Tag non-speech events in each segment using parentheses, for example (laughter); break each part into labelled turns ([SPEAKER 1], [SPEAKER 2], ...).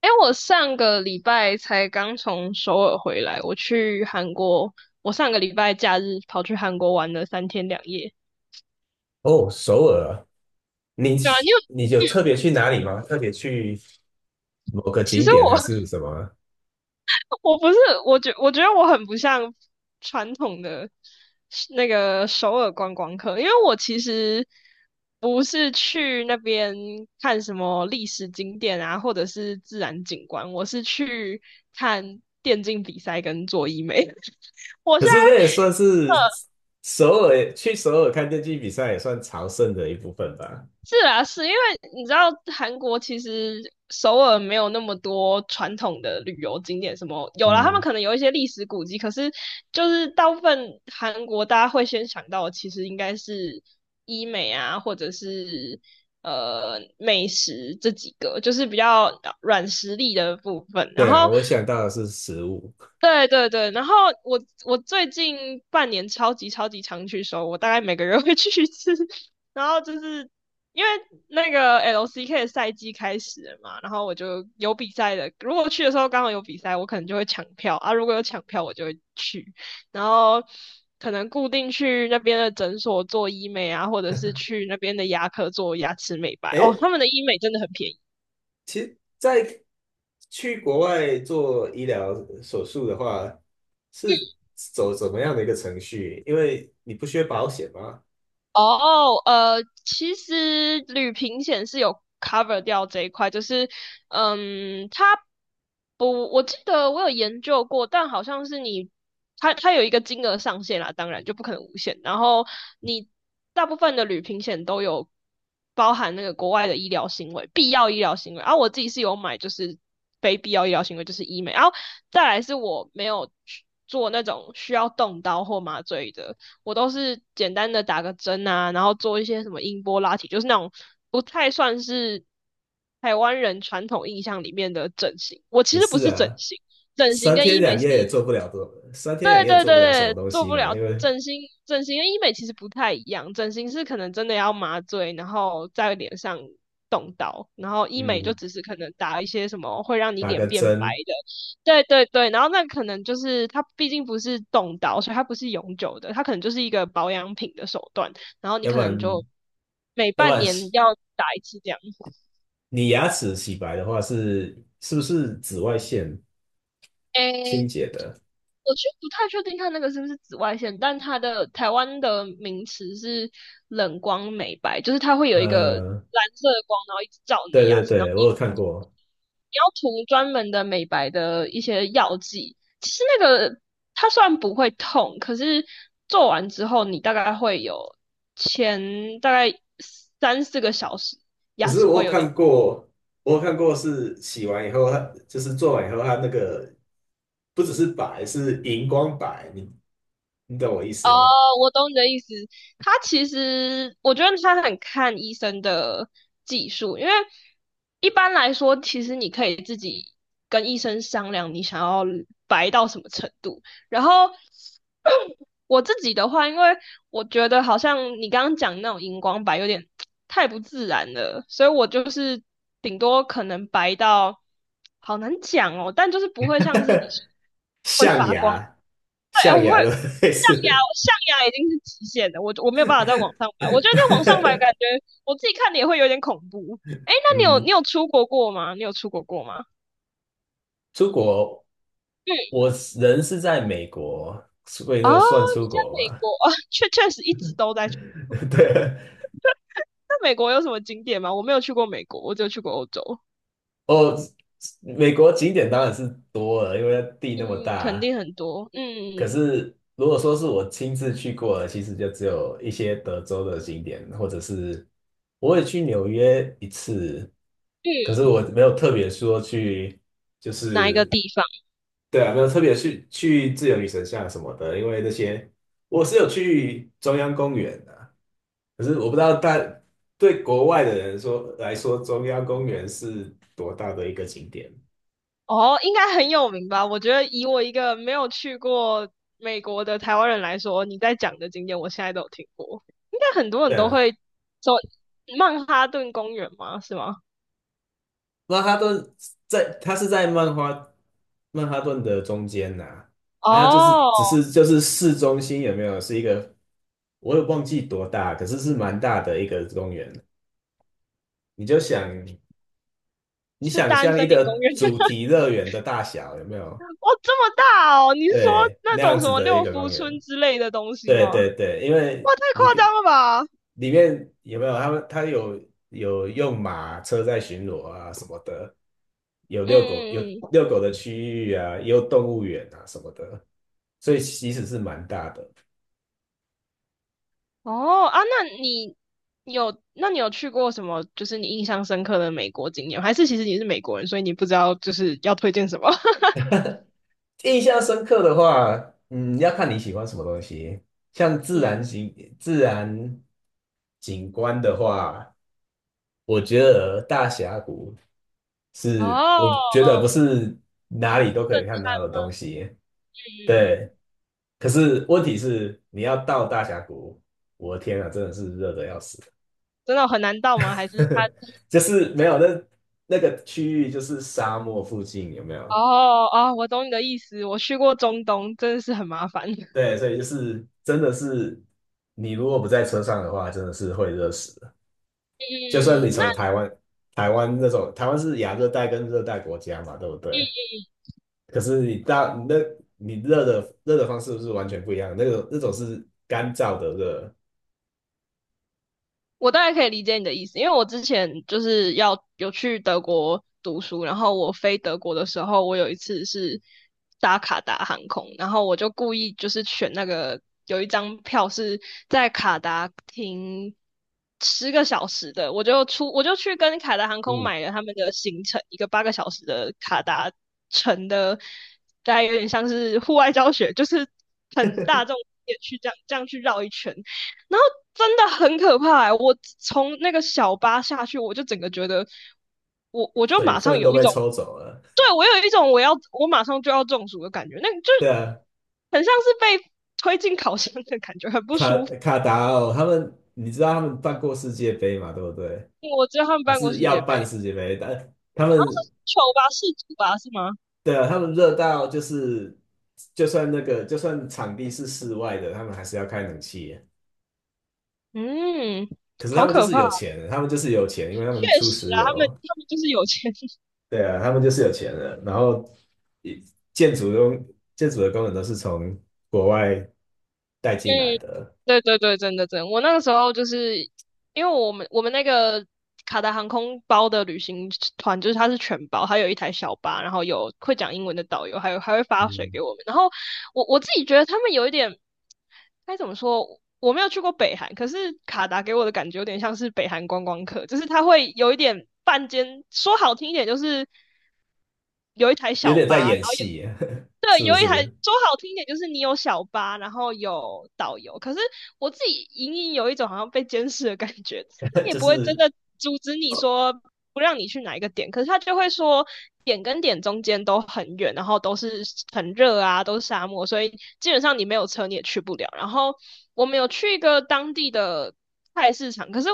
[SPEAKER 1] 哎，我上个礼拜才刚从首尔回来，我去韩国，我上个礼拜假日跑去韩国玩了三天两夜。
[SPEAKER 2] 哦，首尔啊，你
[SPEAKER 1] 对啊，
[SPEAKER 2] 去
[SPEAKER 1] 因为
[SPEAKER 2] 你有特别去哪里吗？特别去某个
[SPEAKER 1] 其
[SPEAKER 2] 景
[SPEAKER 1] 实
[SPEAKER 2] 点还
[SPEAKER 1] 我
[SPEAKER 2] 是什么啊？
[SPEAKER 1] (laughs) 我不是，我觉得我很不像传统的那个首尔观光客，因为我其实不是去那边看什么历史景点啊，或者是自然景观，我是去看电竞比赛跟做医美。(laughs) 我现
[SPEAKER 2] 可是那也算
[SPEAKER 1] 在。
[SPEAKER 2] 是首尔，去首尔看电竞比赛也算朝圣的一部分吧。
[SPEAKER 1] 是啊，是因为你知道韩国其实首尔没有那么多传统的旅游景点，什么有啦，他们
[SPEAKER 2] 嗯，
[SPEAKER 1] 可能有一些历史古迹，可是就是大部分韩国大家会先想到的，其实应该是医美啊，或者是美食这几个，就是比较软实力的部分。然
[SPEAKER 2] 对啊，
[SPEAKER 1] 后
[SPEAKER 2] 我想到的是食物。
[SPEAKER 1] 对对对，然后我最近半年超级超级常去收，我大概每个月会去一次。(laughs) 然后就是因为那个 LCK 的赛季开始了嘛，然后我就有比赛的，如果去的时候刚好有比赛，我可能就会抢票啊，如果有抢票我就会去，然后可能固定去那边的诊所做医美啊，或者是
[SPEAKER 2] (laughs)
[SPEAKER 1] 去那边的牙科做牙齿美白。哦，
[SPEAKER 2] 诶，
[SPEAKER 1] 他们的医美真的很便宜。
[SPEAKER 2] 其实，在去国外做医疗手术的话，是走怎么样的一个程序？因为你不需要保险吗？
[SPEAKER 1] 哦，其实旅平险是有 cover 掉这一块，就是，嗯，它不，我记得我有研究过，但好像是你，它有一个金额上限啦，当然就不可能无限。然后你大部分的旅平险都有包含那个国外的医疗行为，必要医疗行为。然后我自己是有买，就是非必要医疗行为，就是医美。然后再来是我没有去做那种需要动刀或麻醉的。我都是简单的打个针啊，然后做一些什么音波拉提，就是那种不太算是台湾人传统印象里面的整形。我其
[SPEAKER 2] 也
[SPEAKER 1] 实不
[SPEAKER 2] 是
[SPEAKER 1] 是整
[SPEAKER 2] 啊，
[SPEAKER 1] 形，整形跟医美是
[SPEAKER 2] 三天两
[SPEAKER 1] 对
[SPEAKER 2] 夜也
[SPEAKER 1] 对
[SPEAKER 2] 做
[SPEAKER 1] 对
[SPEAKER 2] 不了什么
[SPEAKER 1] 对，
[SPEAKER 2] 东
[SPEAKER 1] 做
[SPEAKER 2] 西
[SPEAKER 1] 不
[SPEAKER 2] 嘛，
[SPEAKER 1] 了
[SPEAKER 2] 因为
[SPEAKER 1] 整形，整形跟医美其实不太一样，整形是可能真的要麻醉，然后在脸上动刀，然后医美就
[SPEAKER 2] 嗯，
[SPEAKER 1] 只是可能打一些什么会让你
[SPEAKER 2] 打
[SPEAKER 1] 脸
[SPEAKER 2] 个
[SPEAKER 1] 变白
[SPEAKER 2] 针，
[SPEAKER 1] 的，对对对，然后那可能就是它毕竟不是动刀，所以它不是永久的，它可能就是一个保养品的手段，然后你
[SPEAKER 2] 要
[SPEAKER 1] 可
[SPEAKER 2] 不
[SPEAKER 1] 能就
[SPEAKER 2] 然
[SPEAKER 1] 每
[SPEAKER 2] 要不
[SPEAKER 1] 半
[SPEAKER 2] 然
[SPEAKER 1] 年
[SPEAKER 2] 洗
[SPEAKER 1] 要打一次这样。
[SPEAKER 2] 你牙齿洗白的话是不是紫外线清
[SPEAKER 1] 诶
[SPEAKER 2] 洁的？
[SPEAKER 1] 我就不太确定它那个是不是紫外线，但它的台湾的名词是冷光美白，就是它会有一个
[SPEAKER 2] 呃，
[SPEAKER 1] 蓝色的光，然后一直照你的
[SPEAKER 2] 对
[SPEAKER 1] 牙
[SPEAKER 2] 对
[SPEAKER 1] 齿，然后
[SPEAKER 2] 对，我有看过，
[SPEAKER 1] 你要涂专门的美白的一些药剂。其实那个它虽然不会痛，可是做完之后你大概会有前大概3、4个小时
[SPEAKER 2] 可
[SPEAKER 1] 牙
[SPEAKER 2] 是
[SPEAKER 1] 齿会有点
[SPEAKER 2] 我有看过是洗完以后，它就是做完以后，它那个不只是白，是荧光白，你懂我意思吗？
[SPEAKER 1] 我懂你的意思。他其实，我觉得他很看医生的技术，因为一般来说，其实你可以自己跟医生商量你想要白到什么程度。然后 (clears throat) 我自己的话，因为我觉得好像你刚刚讲那种荧光白有点太不自然了，所以我就是顶多可能白到好难讲哦，但就是不会像是你说会发
[SPEAKER 2] 象
[SPEAKER 1] 光。
[SPEAKER 2] 牙，
[SPEAKER 1] 对，
[SPEAKER 2] 象
[SPEAKER 1] 我会
[SPEAKER 2] 牙的 (laughs) 类
[SPEAKER 1] 象牙，
[SPEAKER 2] 似。
[SPEAKER 1] 象牙已经是极限了，我没有办法在网上买，我觉得在网上买感觉
[SPEAKER 2] (laughs)
[SPEAKER 1] 我自己看的也会有点恐怖。哎，那你有
[SPEAKER 2] 嗯，
[SPEAKER 1] 你有出国过吗？你有出国过吗？
[SPEAKER 2] 出国，
[SPEAKER 1] 嗯，
[SPEAKER 2] 我人是在美国，所以那
[SPEAKER 1] 啊，
[SPEAKER 2] 个算
[SPEAKER 1] 你
[SPEAKER 2] 出
[SPEAKER 1] 在
[SPEAKER 2] 国
[SPEAKER 1] 美
[SPEAKER 2] 吗？
[SPEAKER 1] 国啊，确实一直都在去
[SPEAKER 2] (laughs) 对啊，
[SPEAKER 1] 那美国有什么景点吗？我没有去过美国，我只有去过欧洲。
[SPEAKER 2] 哦，美国景点当然是多了，因为地那么
[SPEAKER 1] 嗯，肯
[SPEAKER 2] 大。
[SPEAKER 1] 定很多。
[SPEAKER 2] 可
[SPEAKER 1] 嗯
[SPEAKER 2] 是如果说是我亲自去过的，其实就只有一些德州的景点，或者是我也去纽约一次，
[SPEAKER 1] 嗯，
[SPEAKER 2] 可是我没有特别说去，就
[SPEAKER 1] 哪一个
[SPEAKER 2] 是
[SPEAKER 1] 地方？
[SPEAKER 2] 对啊，没有特别去自由女神像什么的，因为那些我是有去中央公园的。可是我不知道大对国外的人说来说，中央公园是多大的一个景点？
[SPEAKER 1] 哦，应该很有名吧？我觉得以我一个没有去过美国的台湾人来说，你在讲的景点，我现在都有听过，应该很多
[SPEAKER 2] 对
[SPEAKER 1] 人都
[SPEAKER 2] 啊，
[SPEAKER 1] 会说曼哈顿公园吗？是吗？
[SPEAKER 2] 曼哈顿在它是在曼哈曼哈顿的中间呐、啊，它就是
[SPEAKER 1] 哦，
[SPEAKER 2] 只是就是市中心有没有是一个，我也忘记多大，可是是蛮大的一个公园。你就想你
[SPEAKER 1] 是
[SPEAKER 2] 想
[SPEAKER 1] 大安
[SPEAKER 2] 象
[SPEAKER 1] 森
[SPEAKER 2] 一
[SPEAKER 1] 林
[SPEAKER 2] 个
[SPEAKER 1] 公园。
[SPEAKER 2] 主
[SPEAKER 1] (laughs)
[SPEAKER 2] 题乐园的大小有没有？
[SPEAKER 1] 哇，这么大哦！你是说
[SPEAKER 2] 对，
[SPEAKER 1] 那
[SPEAKER 2] 那
[SPEAKER 1] 种
[SPEAKER 2] 样
[SPEAKER 1] 什
[SPEAKER 2] 子
[SPEAKER 1] 么
[SPEAKER 2] 的一
[SPEAKER 1] 六
[SPEAKER 2] 个
[SPEAKER 1] 福
[SPEAKER 2] 公
[SPEAKER 1] 村
[SPEAKER 2] 园。
[SPEAKER 1] 之类的东西
[SPEAKER 2] 对
[SPEAKER 1] 吗？
[SPEAKER 2] 对对，因为
[SPEAKER 1] 哇，太
[SPEAKER 2] 你
[SPEAKER 1] 夸张了吧！嗯
[SPEAKER 2] 里面有没有他们？他有有用马车在巡逻啊什么的，有
[SPEAKER 1] 嗯嗯。
[SPEAKER 2] 遛狗的区域啊，也有动物园啊什么的，所以其实是蛮大的。
[SPEAKER 1] 哦啊，那你有去过什么？就是你印象深刻的美国景点还是其实你是美国人，所以你不知道就是要推荐什么？(laughs)
[SPEAKER 2] 印象深刻的话，嗯，要看你喜欢什么东西。像
[SPEAKER 1] 嗯，
[SPEAKER 2] 自然景观的话，我觉得大峡谷
[SPEAKER 1] 哦，
[SPEAKER 2] 是，我觉得不
[SPEAKER 1] 哦，
[SPEAKER 2] 是哪里都可以看到的东西。
[SPEAKER 1] 嗯，
[SPEAKER 2] 对，可是问题是你要到大峡谷，我的天啊，真的是热的要死。
[SPEAKER 1] 真的很难到吗？还是他？
[SPEAKER 2] (laughs) 就是没有那，那个区域就是沙漠附近有没有？
[SPEAKER 1] 哦哦，我懂你的意思。我去过中东，真的是很麻烦。(laughs)
[SPEAKER 2] 对，所以就是真的是你如果不在车上的话，真的是会热死的。就算你
[SPEAKER 1] 嗯，那
[SPEAKER 2] 从台湾，台湾那种台湾是亚热带跟热带国家嘛，对不对？可是你大你那你热的方式是完全不一样，那种那种是干燥的热，
[SPEAKER 1] 我大概可以理解你的意思，因为我之前就是要有去德国读书，然后我飞德国的时候，我有一次是搭卡达航空，然后我就故意就是选那个有一张票是在卡达停10个小时的，我就去跟卡达航空
[SPEAKER 2] 哦，
[SPEAKER 1] 买了他们的行程，一个8个小时的卡达城的，大概有点像是户外教学，就是很大众也去这样去绕一圈。然后真的很可怕欸我从那个小巴下去，我就整个觉得，我就
[SPEAKER 2] 水
[SPEAKER 1] 马上
[SPEAKER 2] 分
[SPEAKER 1] 有
[SPEAKER 2] 都
[SPEAKER 1] 一
[SPEAKER 2] 被
[SPEAKER 1] 种，
[SPEAKER 2] 抽走了。
[SPEAKER 1] 对我有一种我马上就要中暑的感觉，那就
[SPEAKER 2] 对啊，
[SPEAKER 1] 很像是被推进烤箱的感觉，很不舒服。
[SPEAKER 2] 卡达奥他们，你知道他们办过世界杯嘛？对不对啊？
[SPEAKER 1] 我只有他们
[SPEAKER 2] 还
[SPEAKER 1] 办过
[SPEAKER 2] 是
[SPEAKER 1] 世界
[SPEAKER 2] 要办
[SPEAKER 1] 杯，
[SPEAKER 2] 世界杯，但他们
[SPEAKER 1] 球吧是主吧是吗？
[SPEAKER 2] 对啊，他们热到就是就算场地是室外的，他们还是要开冷气。
[SPEAKER 1] 嗯，
[SPEAKER 2] 可是他
[SPEAKER 1] 好
[SPEAKER 2] 们就
[SPEAKER 1] 可
[SPEAKER 2] 是
[SPEAKER 1] 怕，
[SPEAKER 2] 有钱，他们就是有钱，因为他
[SPEAKER 1] 确
[SPEAKER 2] 们出
[SPEAKER 1] 实
[SPEAKER 2] 石
[SPEAKER 1] 啊，他们
[SPEAKER 2] 油。
[SPEAKER 1] 他们就是有钱
[SPEAKER 2] 对啊，他们就是有钱人，然后一建筑工建筑的工人都是从国外带进来
[SPEAKER 1] 嗯，
[SPEAKER 2] 的，
[SPEAKER 1] 对对对，真的真的，我那个时候就是因为我们那个卡达航空包的旅行团，就是它是全包，还有一台小巴，然后有会讲英文的导游，还会发水
[SPEAKER 2] 嗯，
[SPEAKER 1] 给我们。然后我自己觉得他们有一点该怎么说，我没有去过北韩，可是卡达给我的感觉有点像是北韩观光客，就是他会有一点半间，说好听一点就是。有一台
[SPEAKER 2] 有
[SPEAKER 1] 小
[SPEAKER 2] 点在
[SPEAKER 1] 巴，然
[SPEAKER 2] 演
[SPEAKER 1] 后有
[SPEAKER 2] 戏 (laughs)
[SPEAKER 1] 对
[SPEAKER 2] 是不
[SPEAKER 1] 有一台
[SPEAKER 2] 是？
[SPEAKER 1] 说好听一点就是你有小巴，然后有导游。可是我自己隐隐有一种好像被监视的感觉，他
[SPEAKER 2] (laughs)
[SPEAKER 1] 也
[SPEAKER 2] 就
[SPEAKER 1] 不会真
[SPEAKER 2] 是
[SPEAKER 1] 的阻止你说不让你去哪一个点，可是他就会说点跟点中间都很远，然后都是很热啊，都是沙漠，所以基本上你没有车你也去不了。然后我们有去一个当地的菜市场，可是。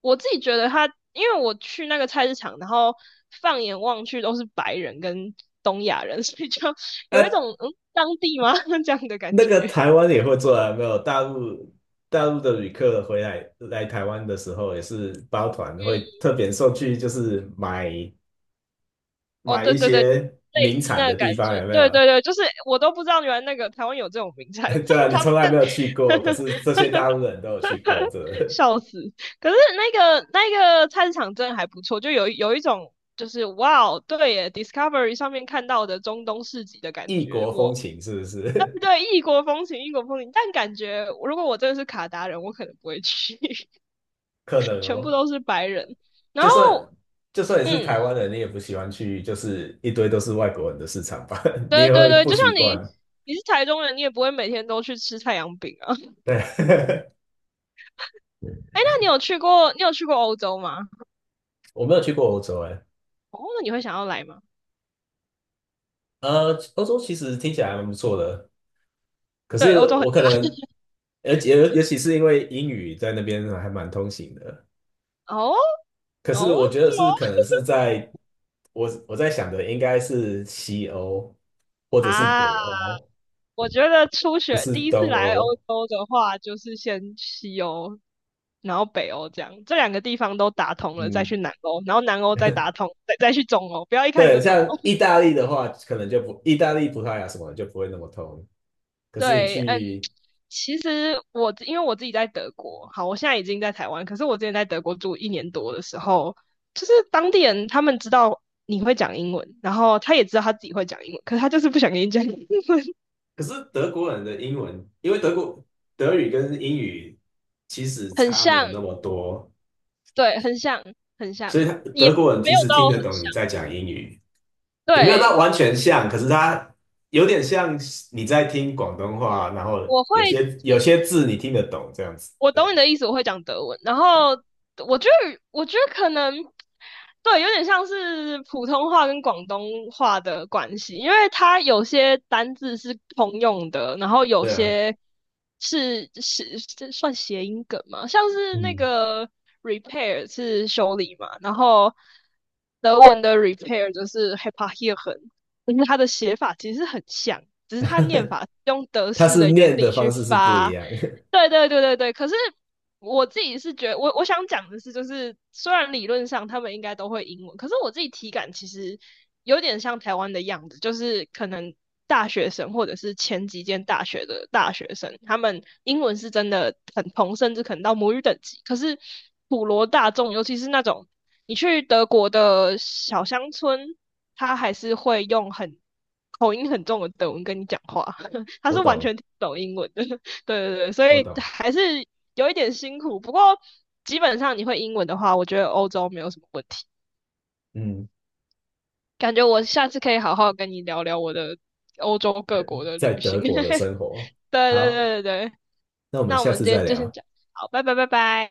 [SPEAKER 1] 我自己觉得他，因为我去那个菜市场，然后放眼望去都是白人跟东亚人，(laughs) 所以就有一
[SPEAKER 2] 啊，
[SPEAKER 1] 种嗯当地吗 (laughs) 这样的感
[SPEAKER 2] 那个
[SPEAKER 1] 觉。
[SPEAKER 2] 台湾也会做啊，没有大陆大陆的旅客回来台湾的时候，也是包团会特别送去，就是
[SPEAKER 1] 哦，
[SPEAKER 2] 买
[SPEAKER 1] 对
[SPEAKER 2] 一
[SPEAKER 1] 对对，
[SPEAKER 2] 些
[SPEAKER 1] 类
[SPEAKER 2] 名
[SPEAKER 1] 似
[SPEAKER 2] 产
[SPEAKER 1] 那个
[SPEAKER 2] 的
[SPEAKER 1] 感
[SPEAKER 2] 地
[SPEAKER 1] 觉，
[SPEAKER 2] 方，有没
[SPEAKER 1] 对对
[SPEAKER 2] 有？
[SPEAKER 1] 对，就是我都不知道原来那个台湾有这种名产，
[SPEAKER 2] (laughs) 对啊，
[SPEAKER 1] (laughs)
[SPEAKER 2] 你
[SPEAKER 1] 他
[SPEAKER 2] 从来没
[SPEAKER 1] 们
[SPEAKER 2] 有去过，可是这些大陆
[SPEAKER 1] (laughs)
[SPEAKER 2] 人都有去过，这。
[SPEAKER 1] 笑死。可是那个菜市场真的还不错，就有一种就是哇哦，对耶，Discovery 上面看到的中东市集的感
[SPEAKER 2] 异
[SPEAKER 1] 觉，
[SPEAKER 2] 国风
[SPEAKER 1] 我
[SPEAKER 2] 情是不
[SPEAKER 1] (laughs) 对
[SPEAKER 2] 是？
[SPEAKER 1] 对，异国风情，异国风情，但感觉如果我真的是卡达人，我可能不会去，(laughs)
[SPEAKER 2] (laughs) 可能
[SPEAKER 1] 全部
[SPEAKER 2] 哦，
[SPEAKER 1] 都是白人。然
[SPEAKER 2] 就
[SPEAKER 1] 后，
[SPEAKER 2] 算就算你是
[SPEAKER 1] 嗯，
[SPEAKER 2] 台湾人，你也不喜欢去，就是一堆都是外国人的市场吧，(laughs) 你
[SPEAKER 1] 对
[SPEAKER 2] 也
[SPEAKER 1] 对
[SPEAKER 2] 会
[SPEAKER 1] 对，
[SPEAKER 2] 不
[SPEAKER 1] 就像
[SPEAKER 2] 习
[SPEAKER 1] 你，
[SPEAKER 2] 惯。
[SPEAKER 1] 你是台中人，你也不会每天都去吃太阳饼啊。(laughs)
[SPEAKER 2] 对，
[SPEAKER 1] 哎，那你有去过，你有去过欧洲吗？
[SPEAKER 2] (laughs) 我没有去过欧洲哎，
[SPEAKER 1] 哦，那你会想要来吗？
[SPEAKER 2] 呃，欧洲其实听起来还蛮不错的，可
[SPEAKER 1] 对，欧
[SPEAKER 2] 是
[SPEAKER 1] 洲很，
[SPEAKER 2] 我可能，而且尤其是因为英语在那边还蛮通行的，
[SPEAKER 1] 哦
[SPEAKER 2] 可是
[SPEAKER 1] 哦，
[SPEAKER 2] 我
[SPEAKER 1] 是
[SPEAKER 2] 觉得是
[SPEAKER 1] 吗？
[SPEAKER 2] 可能是在我在想的应该是西欧或者是北
[SPEAKER 1] 啊。
[SPEAKER 2] 欧，
[SPEAKER 1] 我觉得初
[SPEAKER 2] 不
[SPEAKER 1] 学
[SPEAKER 2] 是
[SPEAKER 1] 第一次
[SPEAKER 2] 东
[SPEAKER 1] 来欧
[SPEAKER 2] 欧。
[SPEAKER 1] 洲的话，就是先西欧，然后北欧这样，这两个地方都打通了，再
[SPEAKER 2] 嗯，
[SPEAKER 1] 去南欧，然后南欧再打通，再去中欧，不要一开始
[SPEAKER 2] 对，
[SPEAKER 1] 就中欧。
[SPEAKER 2] 像意大利的话，可能就不，意大利、葡萄牙什么的就不会那么通。
[SPEAKER 1] (laughs)
[SPEAKER 2] 可是你
[SPEAKER 1] 对，嗯，
[SPEAKER 2] 去，
[SPEAKER 1] 其实我因为我自己在德国，好，我现在已经在台湾，可是我之前在德国住一年多的时候，就是当地人他们知道你会讲英文，然后他也知道他自己会讲英文，可是他就是不想跟你讲英文，
[SPEAKER 2] 可是德国人的英文，因为德语跟英语其实
[SPEAKER 1] (laughs) 很
[SPEAKER 2] 差没
[SPEAKER 1] 像，
[SPEAKER 2] 有那么多，
[SPEAKER 1] 对，很像，很像，
[SPEAKER 2] 所以他
[SPEAKER 1] 也
[SPEAKER 2] 德国人
[SPEAKER 1] 没
[SPEAKER 2] 其
[SPEAKER 1] 有
[SPEAKER 2] 实
[SPEAKER 1] 到
[SPEAKER 2] 听得
[SPEAKER 1] 很
[SPEAKER 2] 懂你
[SPEAKER 1] 像，
[SPEAKER 2] 在讲英语，也没有到
[SPEAKER 1] 对。
[SPEAKER 2] 完全像，可是他有点像你在听广东话，然后
[SPEAKER 1] 我会，
[SPEAKER 2] 有些字你听得懂这样子
[SPEAKER 1] 我
[SPEAKER 2] 的
[SPEAKER 1] 懂
[SPEAKER 2] 感
[SPEAKER 1] 你
[SPEAKER 2] 觉。
[SPEAKER 1] 的意思，我会讲德文。然后我觉得，我觉得可能对，有点像是普通话跟广东话的关系，因为它有些单字是通用的，然后有
[SPEAKER 2] 对啊，
[SPEAKER 1] 些是这算谐音梗嘛，像是那
[SPEAKER 2] 嗯，
[SPEAKER 1] 个 repair 是修理嘛，然后德文的 repair 就是 heparieren 就是它的写法其实很像，只是它念法是用德
[SPEAKER 2] 他
[SPEAKER 1] 式的原
[SPEAKER 2] 念的
[SPEAKER 1] 理
[SPEAKER 2] 方
[SPEAKER 1] 去
[SPEAKER 2] 式是不一
[SPEAKER 1] 发。
[SPEAKER 2] 样，
[SPEAKER 1] 对对对对对，可是我自己是觉得，我想讲的是，就是虽然理论上他们应该都会英文，可是我自己体感其实有点像台湾的样子，就是可能大学生或者是前几间大学的大学生，他们英文是真的很通，甚至可能到母语等级。可是普罗大众，尤其是那种你去德国的小乡村，他还是会用很口音很重的德文跟你讲话，(laughs)
[SPEAKER 2] (laughs)
[SPEAKER 1] 他
[SPEAKER 2] 我
[SPEAKER 1] 是完
[SPEAKER 2] 懂，
[SPEAKER 1] 全听不懂英文的。对对对，所
[SPEAKER 2] 我
[SPEAKER 1] 以
[SPEAKER 2] 懂，
[SPEAKER 1] 还是有一点辛苦，不过基本上你会英文的话，我觉得欧洲没有什么问题。
[SPEAKER 2] 嗯。
[SPEAKER 1] 感觉我下次可以好好跟你聊聊我的欧洲各国的
[SPEAKER 2] 在
[SPEAKER 1] 旅行。
[SPEAKER 2] 德
[SPEAKER 1] (laughs)
[SPEAKER 2] 国的生活。
[SPEAKER 1] 对对
[SPEAKER 2] 好，
[SPEAKER 1] 对对对，
[SPEAKER 2] 那我们
[SPEAKER 1] 那我
[SPEAKER 2] 下
[SPEAKER 1] 们
[SPEAKER 2] 次
[SPEAKER 1] 今
[SPEAKER 2] 再
[SPEAKER 1] 天就先
[SPEAKER 2] 聊。
[SPEAKER 1] 讲，好，拜拜拜拜。